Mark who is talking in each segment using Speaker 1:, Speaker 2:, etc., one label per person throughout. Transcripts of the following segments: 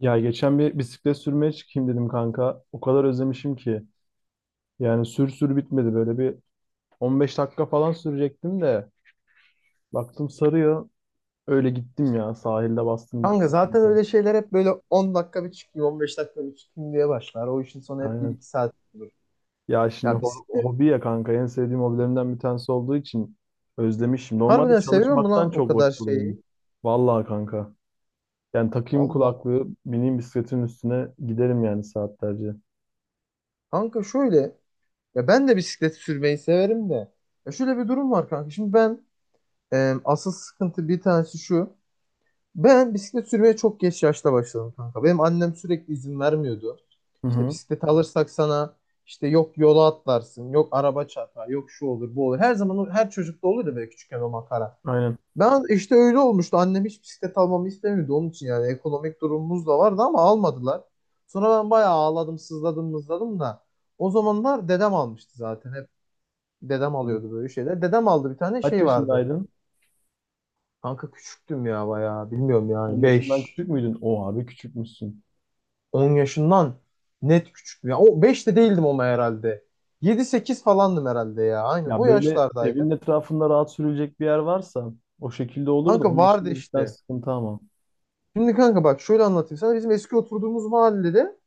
Speaker 1: Ya geçen bir bisiklet sürmeye çıkayım dedim kanka. O kadar özlemişim ki. Yani sür bitmedi. Böyle bir 15 dakika falan sürecektim de. Baktım sarıyor. Öyle gittim ya. Sahilde bastım
Speaker 2: Kanka
Speaker 1: gittim
Speaker 2: zaten
Speaker 1: kanka.
Speaker 2: öyle şeyler hep böyle 10 dakika bir çıkayım, 15 dakika bir çıkayım diye başlar. O işin sonu hep bir
Speaker 1: Aynen.
Speaker 2: iki saat olur.
Speaker 1: Ya şimdi
Speaker 2: Ya bisiklet
Speaker 1: hobi ya kanka. En sevdiğim hobilerimden bir tanesi olduğu için özlemişim. Normalde
Speaker 2: harbiden seviyor mu lan
Speaker 1: çalışmaktan
Speaker 2: o
Speaker 1: çok
Speaker 2: kadar
Speaker 1: vakit bulurum.
Speaker 2: şeyi?
Speaker 1: Vallahi kanka. Yani takayım
Speaker 2: Allah.
Speaker 1: kulaklığı, bineyim bisikletin üstüne giderim yani saatlerce.
Speaker 2: Kanka şöyle, ya ben de bisiklet sürmeyi severim de. Ya şöyle bir durum var kanka. Şimdi ben asıl sıkıntı bir tanesi şu. Ben bisiklet sürmeye çok geç yaşta başladım kanka. Benim annem sürekli izin vermiyordu.
Speaker 1: Hı
Speaker 2: İşte
Speaker 1: hı.
Speaker 2: bisiklet alırsak sana işte yok yola atlarsın, yok araba çarpar, yok şu olur, bu olur. Her zaman her çocukta olur ya böyle küçükken o makara.
Speaker 1: Aynen.
Speaker 2: Ben işte öyle olmuştu. Annem hiç bisiklet almamı istemiyordu. Onun için yani ekonomik durumumuz da vardı ama almadılar. Sonra ben bayağı ağladım, sızladım, mızladım da. O zamanlar dedem almıştı zaten. Hep dedem alıyordu böyle şeyler. Dedem aldı bir tane
Speaker 1: Kaç
Speaker 2: şey vardı.
Speaker 1: yaşındaydın?
Speaker 2: Kanka küçüktüm ya bayağı. Bilmiyorum
Speaker 1: 10
Speaker 2: yani
Speaker 1: yaşından
Speaker 2: 5
Speaker 1: küçük müydün? O abi küçükmüşsün.
Speaker 2: 10 yaşından net küçüktüm. Ya o 5 de değildim ama herhalde. Yedi sekiz falandım herhalde ya. Aynen
Speaker 1: Ya
Speaker 2: o
Speaker 1: böyle
Speaker 2: yaşlardaydı.
Speaker 1: evin etrafında rahat sürülecek bir yer varsa o şekilde olur da
Speaker 2: Kanka
Speaker 1: onun
Speaker 2: vardı
Speaker 1: dışında cidden
Speaker 2: işte.
Speaker 1: sıkıntı ama.
Speaker 2: Şimdi kanka bak şöyle anlatayım sana. Bizim eski oturduğumuz mahallede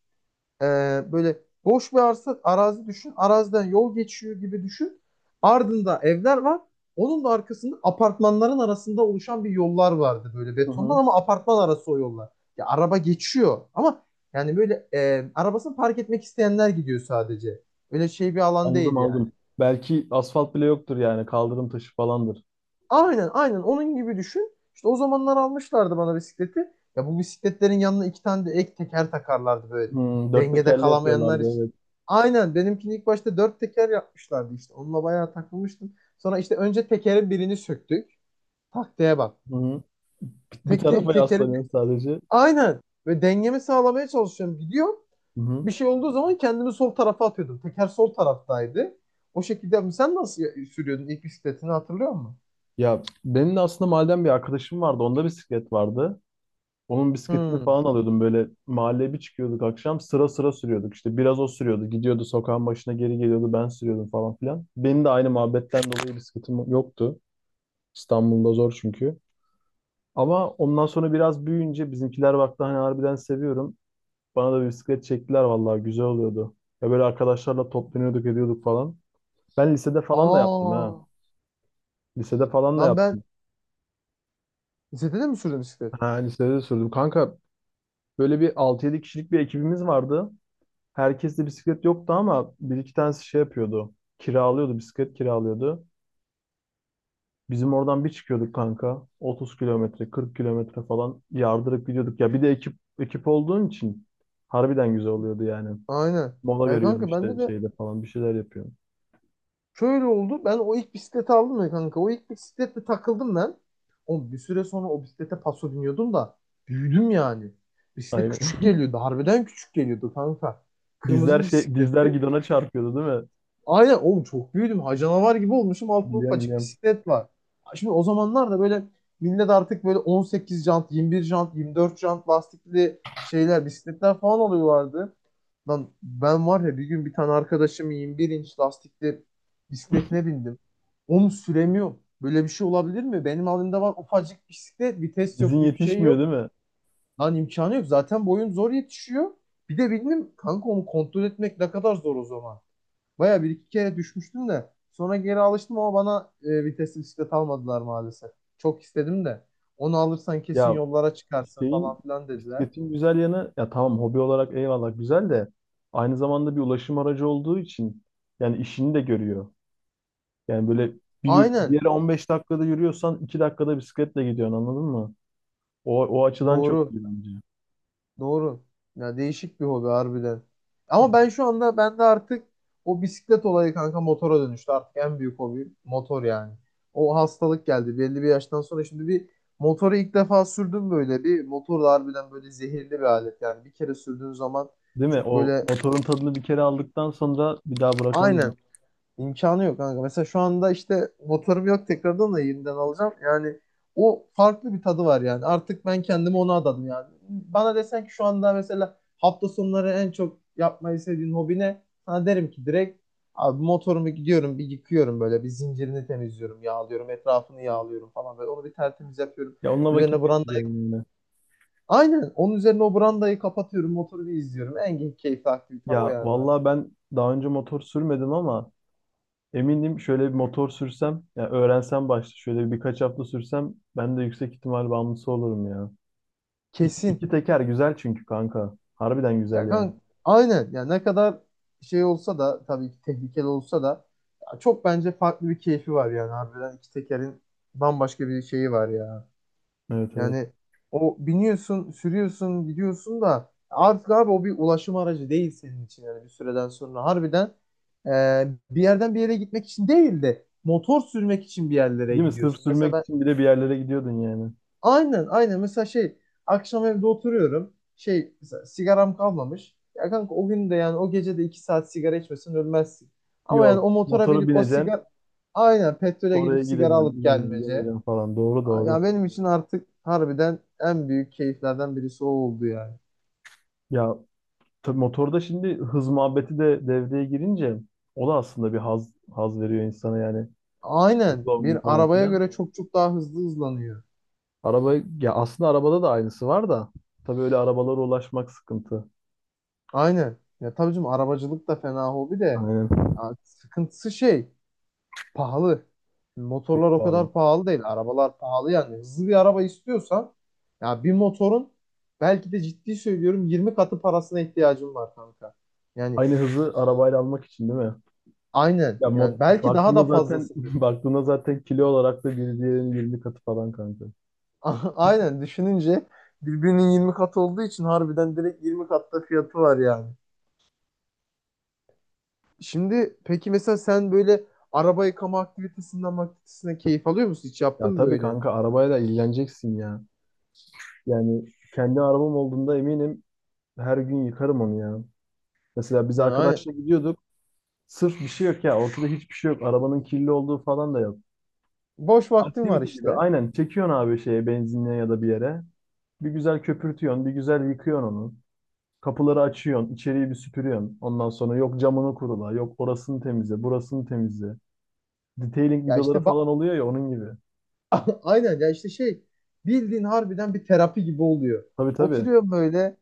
Speaker 2: Ee, böyle boş bir arsa, arazi düşün. Araziden yol geçiyor gibi düşün. Ardında evler var. Onun da arkasında apartmanların arasında oluşan bir yollar vardı böyle
Speaker 1: Hı
Speaker 2: betondan
Speaker 1: hı.
Speaker 2: ama apartman arası o yollar. Ya araba geçiyor ama yani böyle arabasını park etmek isteyenler gidiyor sadece. Öyle şey bir alan
Speaker 1: Anladım
Speaker 2: değil yani.
Speaker 1: aldım. Belki asfalt bile yoktur yani kaldırım taşı falandır.
Speaker 2: Aynen, aynen onun gibi düşün. İşte o zamanlar almışlardı bana bisikleti. Ya bu bisikletlerin yanına iki tane de ek teker takarlardı böyle.
Speaker 1: Hmm, dört
Speaker 2: Dengede
Speaker 1: tekerli
Speaker 2: kalamayanlar
Speaker 1: yapıyorlardı,
Speaker 2: için.
Speaker 1: evet.
Speaker 2: Aynen benimkini ilk başta dört teker yapmışlardı işte. Onunla bayağı takılmıştım. Sonra işte önce tekerin birini söktük. Taktiğe bak.
Speaker 1: Hı hı. Bir
Speaker 2: Tekte,
Speaker 1: tarafa
Speaker 2: tekerin
Speaker 1: yaslanıyorsun sadece.
Speaker 2: aynen. Ve dengemi sağlamaya çalışıyorum. Gidiyorum.
Speaker 1: Hı hı.
Speaker 2: Bir şey olduğu zaman kendimi sol tarafa atıyordum. Teker sol taraftaydı. O şekilde sen nasıl sürüyordun ilk bisikletini hatırlıyor musun?
Speaker 1: Ya benim de aslında mahalleden bir arkadaşım vardı. Onda bisiklet vardı. Onun bisketini
Speaker 2: Hmm.
Speaker 1: falan alıyordum, böyle mahalleye bir çıkıyorduk akşam, sıra sıra sürüyorduk. İşte biraz o sürüyordu, gidiyordu sokağın başına, geri geliyordu, ben sürüyordum falan filan. Benim de aynı muhabbetten dolayı bisikletim yoktu. İstanbul'da zor çünkü. Ama ondan sonra biraz büyüyünce bizimkiler baktı hani harbiden seviyorum. Bana da bir bisiklet çektiler, vallahi güzel oluyordu. Ya böyle arkadaşlarla toplanıyorduk, ediyorduk falan. Ben lisede falan da yaptım ha.
Speaker 2: Aa.
Speaker 1: Lisede falan da
Speaker 2: Lan ben
Speaker 1: yaptım.
Speaker 2: lisede de mi sürdün bisiklet?
Speaker 1: Ha, lisede de sürdüm. Kanka böyle bir altı yedi kişilik bir ekibimiz vardı. Herkeste bisiklet yoktu ama bir iki tanesi şey yapıyordu. Kiralıyordu, bisiklet kiralıyordu. Bizim oradan bir çıkıyorduk kanka. 30 kilometre, 40 kilometre falan yardırıp gidiyorduk. Ya bir de ekip olduğun için harbiden güzel oluyordu yani.
Speaker 2: Aynen.
Speaker 1: Mola
Speaker 2: Ya
Speaker 1: veriyorsun
Speaker 2: kanka bende
Speaker 1: işte
Speaker 2: de
Speaker 1: şeyde falan, bir şeyler yapıyorsun.
Speaker 2: şöyle oldu. Ben o ilk bisikleti aldım ya kanka. O ilk bisikletle takıldım ben. Oğlum bir süre sonra o bisiklete paso biniyordum da büyüdüm yani. Bisiklet küçük
Speaker 1: Aynen.
Speaker 2: geliyordu. Harbiden küçük geliyordu kanka. Kırmızı
Speaker 1: Dizler
Speaker 2: bir
Speaker 1: şey, dizler
Speaker 2: bisikletti.
Speaker 1: gidona çarpıyordu değil mi?
Speaker 2: Aynen oğlum çok büyüdüm. Ha canavar gibi olmuşum. Altında
Speaker 1: Biliyorum
Speaker 2: ufacık
Speaker 1: biliyorum.
Speaker 2: bisiklet var. Ha, şimdi o zamanlar da böyle millet artık böyle 18 jant, 21 jant, 24 jant lastikli şeyler, bisikletler falan alıyorlardı. Lan ben var ya bir gün bir tane arkadaşım 21 inç lastikli bisikletine bindim. Onu süremiyorum. Böyle bir şey olabilir mi? Benim halimde var ufacık bisiklet, vites
Speaker 1: Dizin
Speaker 2: yok, bir şey
Speaker 1: yetişmiyor
Speaker 2: yok.
Speaker 1: değil mi?
Speaker 2: Lan imkanı yok. Zaten boyum zor yetişiyor. Bir de bildim kanka onu kontrol etmek ne kadar zor o zaman. Baya bir iki kere düşmüştüm de sonra geri alıştım ama bana vitesli bisiklet almadılar maalesef. Çok istedim de onu alırsan kesin
Speaker 1: Ya
Speaker 2: yollara çıkarsın
Speaker 1: şeyin,
Speaker 2: falan filan dediler.
Speaker 1: bisikletin güzel yanı, ya tamam hobi olarak eyvallah güzel de aynı zamanda bir ulaşım aracı olduğu için yani işini de görüyor. Yani böyle bir
Speaker 2: Aynen,
Speaker 1: yere 15 dakikada yürüyorsan 2 dakikada bisikletle gidiyorsun, anladın mı? O açıdan çok
Speaker 2: doğru
Speaker 1: iyi bence.
Speaker 2: doğru, ya değişik bir hobi harbiden. Ama ben şu anda bende artık o bisiklet olayı kanka motora dönüştü, artık en büyük hobi motor yani. O hastalık geldi belli bir yaştan sonra. Şimdi bir motoru ilk defa sürdüm, böyle bir motor da harbiden böyle zehirli bir alet yani. Bir kere sürdüğün zaman
Speaker 1: Değil mi?
Speaker 2: çok
Speaker 1: O
Speaker 2: böyle.
Speaker 1: motorun tadını bir kere aldıktan sonra bir daha bırakamıyorum.
Speaker 2: Aynen. İmkanı yok kanka. Mesela şu anda işte motorum yok, tekrardan da yeniden alacağım. Yani o farklı bir tadı var yani. Artık ben kendimi ona adadım yani. Bana desen ki şu anda mesela hafta sonları en çok yapmayı sevdiğin hobi ne? Sana derim ki direkt, abi motorumu gidiyorum bir yıkıyorum, böyle bir zincirini temizliyorum, yağlıyorum, etrafını yağlıyorum falan, böyle onu bir tertemiz yapıyorum.
Speaker 1: Ya onunla
Speaker 2: Üzerine
Speaker 1: vakit
Speaker 2: brandayı,
Speaker 1: geçiriyorum yine.
Speaker 2: aynen onun üzerine o brandayı kapatıyorum, motoru bir izliyorum. En keyifli aktivitem o
Speaker 1: Ya
Speaker 2: yani artık.
Speaker 1: vallahi ben daha önce motor sürmedim ama eminim şöyle bir motor sürsem, ya öğrensem başta şöyle birkaç hafta sürsem, ben de yüksek ihtimal bağımlısı olurum ya. İki,
Speaker 2: Kesin.
Speaker 1: iki teker güzel çünkü kanka. Harbiden
Speaker 2: Ya
Speaker 1: güzel yani.
Speaker 2: kan aynen. Ya ne kadar şey olsa da, tabii ki tehlikeli olsa da, ya çok bence farklı bir keyfi var yani harbiden. İki tekerin bambaşka bir şeyi var ya.
Speaker 1: Evet evet.
Speaker 2: Yani o biniyorsun, sürüyorsun, gidiyorsun da artık abi o bir ulaşım aracı değil senin için yani, bir süreden sonra harbiden e, bir yerden bir yere gitmek için değil de motor sürmek için bir yerlere
Speaker 1: Değil mi? Sırf
Speaker 2: gidiyorsun.
Speaker 1: sürmek
Speaker 2: Mesela.
Speaker 1: için bile bir yerlere gidiyordun yani.
Speaker 2: Aynen, aynen mesela şey, akşam evde oturuyorum şey, mesela sigaram kalmamış ya kanka, o gün de yani o gece de 2 saat sigara içmesen ölmezsin, ama yani
Speaker 1: Yok.
Speaker 2: o motora
Speaker 1: Motora
Speaker 2: binip o
Speaker 1: bineceksin.
Speaker 2: sigara, aynen petrole
Speaker 1: Oraya
Speaker 2: gidip sigara
Speaker 1: gideceksin,
Speaker 2: alıp
Speaker 1: ineceksin,
Speaker 2: gelmece,
Speaker 1: geleceksin falan. Doğru doğru.
Speaker 2: ya benim için artık harbiden en büyük keyiflerden birisi o oldu yani.
Speaker 1: Ya tabii motorda şimdi hız muhabbeti de devreye girince o da aslında bir haz veriyor insana yani.
Speaker 2: Aynen,
Speaker 1: Hızlı olmak
Speaker 2: bir
Speaker 1: falan
Speaker 2: arabaya
Speaker 1: filan.
Speaker 2: göre çok çok daha hızlı hızlanıyor.
Speaker 1: Araba, ya aslında arabada da aynısı var da tabii öyle arabalara ulaşmak sıkıntı.
Speaker 2: Aynen, ya tabii canım arabacılık da fena hobi de,
Speaker 1: Aynen.
Speaker 2: ya sıkıntısı şey, pahalı. Motorlar
Speaker 1: Çok
Speaker 2: o
Speaker 1: pahalı.
Speaker 2: kadar pahalı değil. Arabalar pahalı yani. Hızlı bir araba istiyorsan ya bir motorun, belki de ciddi söylüyorum, 20 katı parasına ihtiyacın var kanka. Yani
Speaker 1: Aynı hızı arabayla almak için değil mi?
Speaker 2: aynen.
Speaker 1: Ya mod,
Speaker 2: Yani belki daha
Speaker 1: baktığında
Speaker 2: da
Speaker 1: zaten
Speaker 2: fazlasıdır.
Speaker 1: baktığında zaten kilo olarak da bir diğerinin 20 katı falan kanka.
Speaker 2: Aynen düşününce birbirinin 20 katı olduğu için, harbiden direkt 20 katta fiyatı var yani. Şimdi peki mesela sen böyle araba yıkama aktivitesine keyif alıyor musun? Hiç
Speaker 1: Ya
Speaker 2: yaptın mı
Speaker 1: tabii
Speaker 2: böyle?
Speaker 1: kanka arabayla ilgileneceksin ya. Yani kendi arabam olduğunda eminim her gün yıkarım onu ya. Mesela biz
Speaker 2: Yani aynen.
Speaker 1: arkadaşla gidiyorduk. Sırf bir şey yok ya. Ortada hiçbir şey yok. Arabanın kirli olduğu falan da yok.
Speaker 2: Boş vaktin var
Speaker 1: Aktivite gibi.
Speaker 2: işte.
Speaker 1: Aynen. Çekiyorsun abi şeye, benzinliğe ya da bir yere. Bir güzel köpürtüyorsun, bir güzel yıkıyorsun onu. Kapıları açıyorsun, içeriği bir süpürüyorsun. Ondan sonra yok camını kurula, yok orasını temizle, burasını temizle. Detailing
Speaker 2: Ya
Speaker 1: videoları
Speaker 2: işte
Speaker 1: falan oluyor ya, onun gibi.
Speaker 2: aynen ya işte şey, bildiğin harbiden bir terapi gibi oluyor.
Speaker 1: Tabii tabii.
Speaker 2: Oturuyorum böyle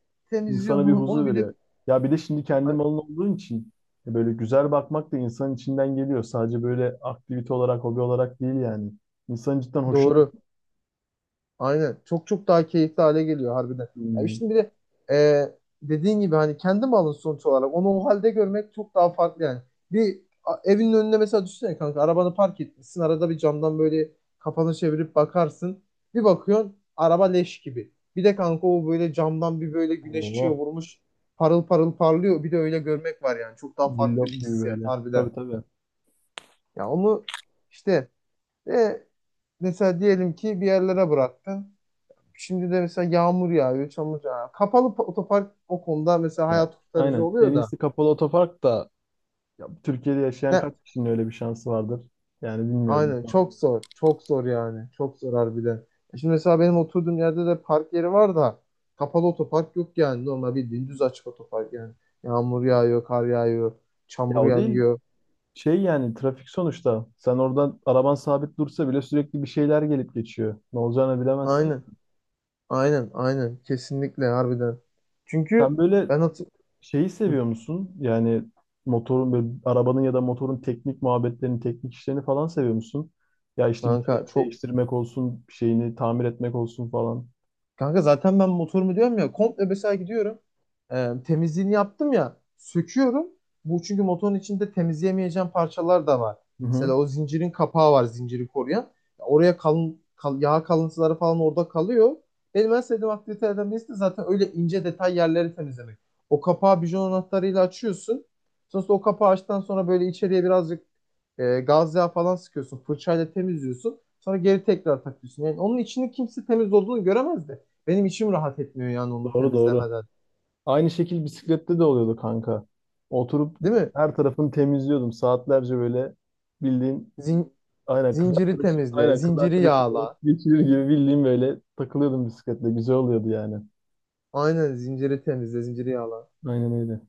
Speaker 1: İnsana bir
Speaker 2: temizliyorum
Speaker 1: huzur
Speaker 2: onu bir de.
Speaker 1: veriyor. Ya bir de şimdi kendi
Speaker 2: Ay,
Speaker 1: malın olduğun için böyle güzel bakmak da insanın içinden geliyor. Sadece böyle aktivite olarak, hobi olarak değil yani. İnsanın cidden hoşuna
Speaker 2: doğru. Aynen. Çok çok daha keyifli hale geliyor harbiden. Ya
Speaker 1: gidiyor.
Speaker 2: şimdi bir de e, dediğin gibi hani kendi malın sonuç olarak, onu o halde görmek çok daha farklı yani. Evinin önüne mesela düşünsene kanka, arabanı park etmişsin. Arada bir camdan böyle kafanı çevirip bakarsın. Bir bakıyorsun araba leş gibi. Bir de kanka o böyle camdan bir böyle güneş
Speaker 1: Oo,
Speaker 2: ışığı vurmuş. Parıl parıl parlıyor. Bir de öyle görmek var yani. Çok daha farklı
Speaker 1: cillop
Speaker 2: bir
Speaker 1: gibi
Speaker 2: hissiyat
Speaker 1: böyle.
Speaker 2: harbiden.
Speaker 1: Tabii tabii.
Speaker 2: Ya onu işte e, mesela diyelim ki bir yerlere bıraktın. Şimdi de mesela yağmur yağıyor, çamur yağıyor. Kapalı otopark o konuda mesela
Speaker 1: Yani
Speaker 2: hayat kurtarıcı
Speaker 1: aynen. En
Speaker 2: oluyor da.
Speaker 1: iyisi kapalı otopark da. Ya, Türkiye'de yaşayan
Speaker 2: Ne?
Speaker 1: kaç kişinin öyle bir şansı vardır? Yani bilmiyorum.
Speaker 2: Aynen,
Speaker 1: Zor.
Speaker 2: çok zor. Çok zor yani. Çok zor harbiden. Şimdi mesela benim oturduğum yerde de park yeri var da kapalı otopark yok yani. Normal bildiğin düz açık otopark yani. Yağmur yağıyor, kar yağıyor,
Speaker 1: Ya
Speaker 2: çamur
Speaker 1: o değil.
Speaker 2: yağıyor.
Speaker 1: Şey, yani trafik sonuçta. Sen oradan araban sabit dursa bile sürekli bir şeyler gelip geçiyor. Ne olacağını bilemezsin.
Speaker 2: Aynen. Aynen. Aynen. Kesinlikle harbiden.
Speaker 1: Sen
Speaker 2: Çünkü
Speaker 1: böyle
Speaker 2: ben hatır...
Speaker 1: şeyi
Speaker 2: Hı.
Speaker 1: seviyor musun? Yani motorun böyle, arabanın ya da motorun teknik muhabbetlerini, teknik işlerini falan seviyor musun? Ya işte bir
Speaker 2: Kanka
Speaker 1: şeyini
Speaker 2: çok
Speaker 1: değiştirmek olsun, bir şeyini tamir etmek olsun falan.
Speaker 2: Kanka zaten ben motorumu diyorum ya, komple mesela gidiyorum. Temizliğini yaptım ya, söküyorum. Bu çünkü motorun içinde temizleyemeyeceğim parçalar da var.
Speaker 1: Hı
Speaker 2: Mesela
Speaker 1: hı.
Speaker 2: o zincirin kapağı var, zinciri koruyan. Oraya yağ kalıntıları falan orada kalıyor. Benim en sevdiğim aktivitelerden birisi de zaten öyle ince detay yerleri temizlemek. O kapağı bijon anahtarıyla açıyorsun. Sonrasında o kapağı açtıktan sonra böyle içeriye birazcık gaz yağı falan sıkıyorsun. Fırçayla temizliyorsun. Sonra geri tekrar takıyorsun. Yani onun içini kimse temiz olduğunu göremezdi. Benim içim rahat etmiyor yani onu
Speaker 1: Doğru doğru.
Speaker 2: temizlemeden.
Speaker 1: Aynı şekil bisiklette de oluyordu kanka. Oturup
Speaker 2: Değil mi?
Speaker 1: her tarafını temizliyordum. Saatlerce böyle bildiğin,
Speaker 2: Zin-
Speaker 1: aynen
Speaker 2: Zinciri temizle,
Speaker 1: kız
Speaker 2: zinciri
Speaker 1: arkadaşımla vakit
Speaker 2: yağla.
Speaker 1: geçirir gibi bildiğin böyle takılıyordum bisikletle. Güzel oluyordu yani.
Speaker 2: Aynen, zinciri temizle, zinciri yağla.
Speaker 1: Aynen öyle.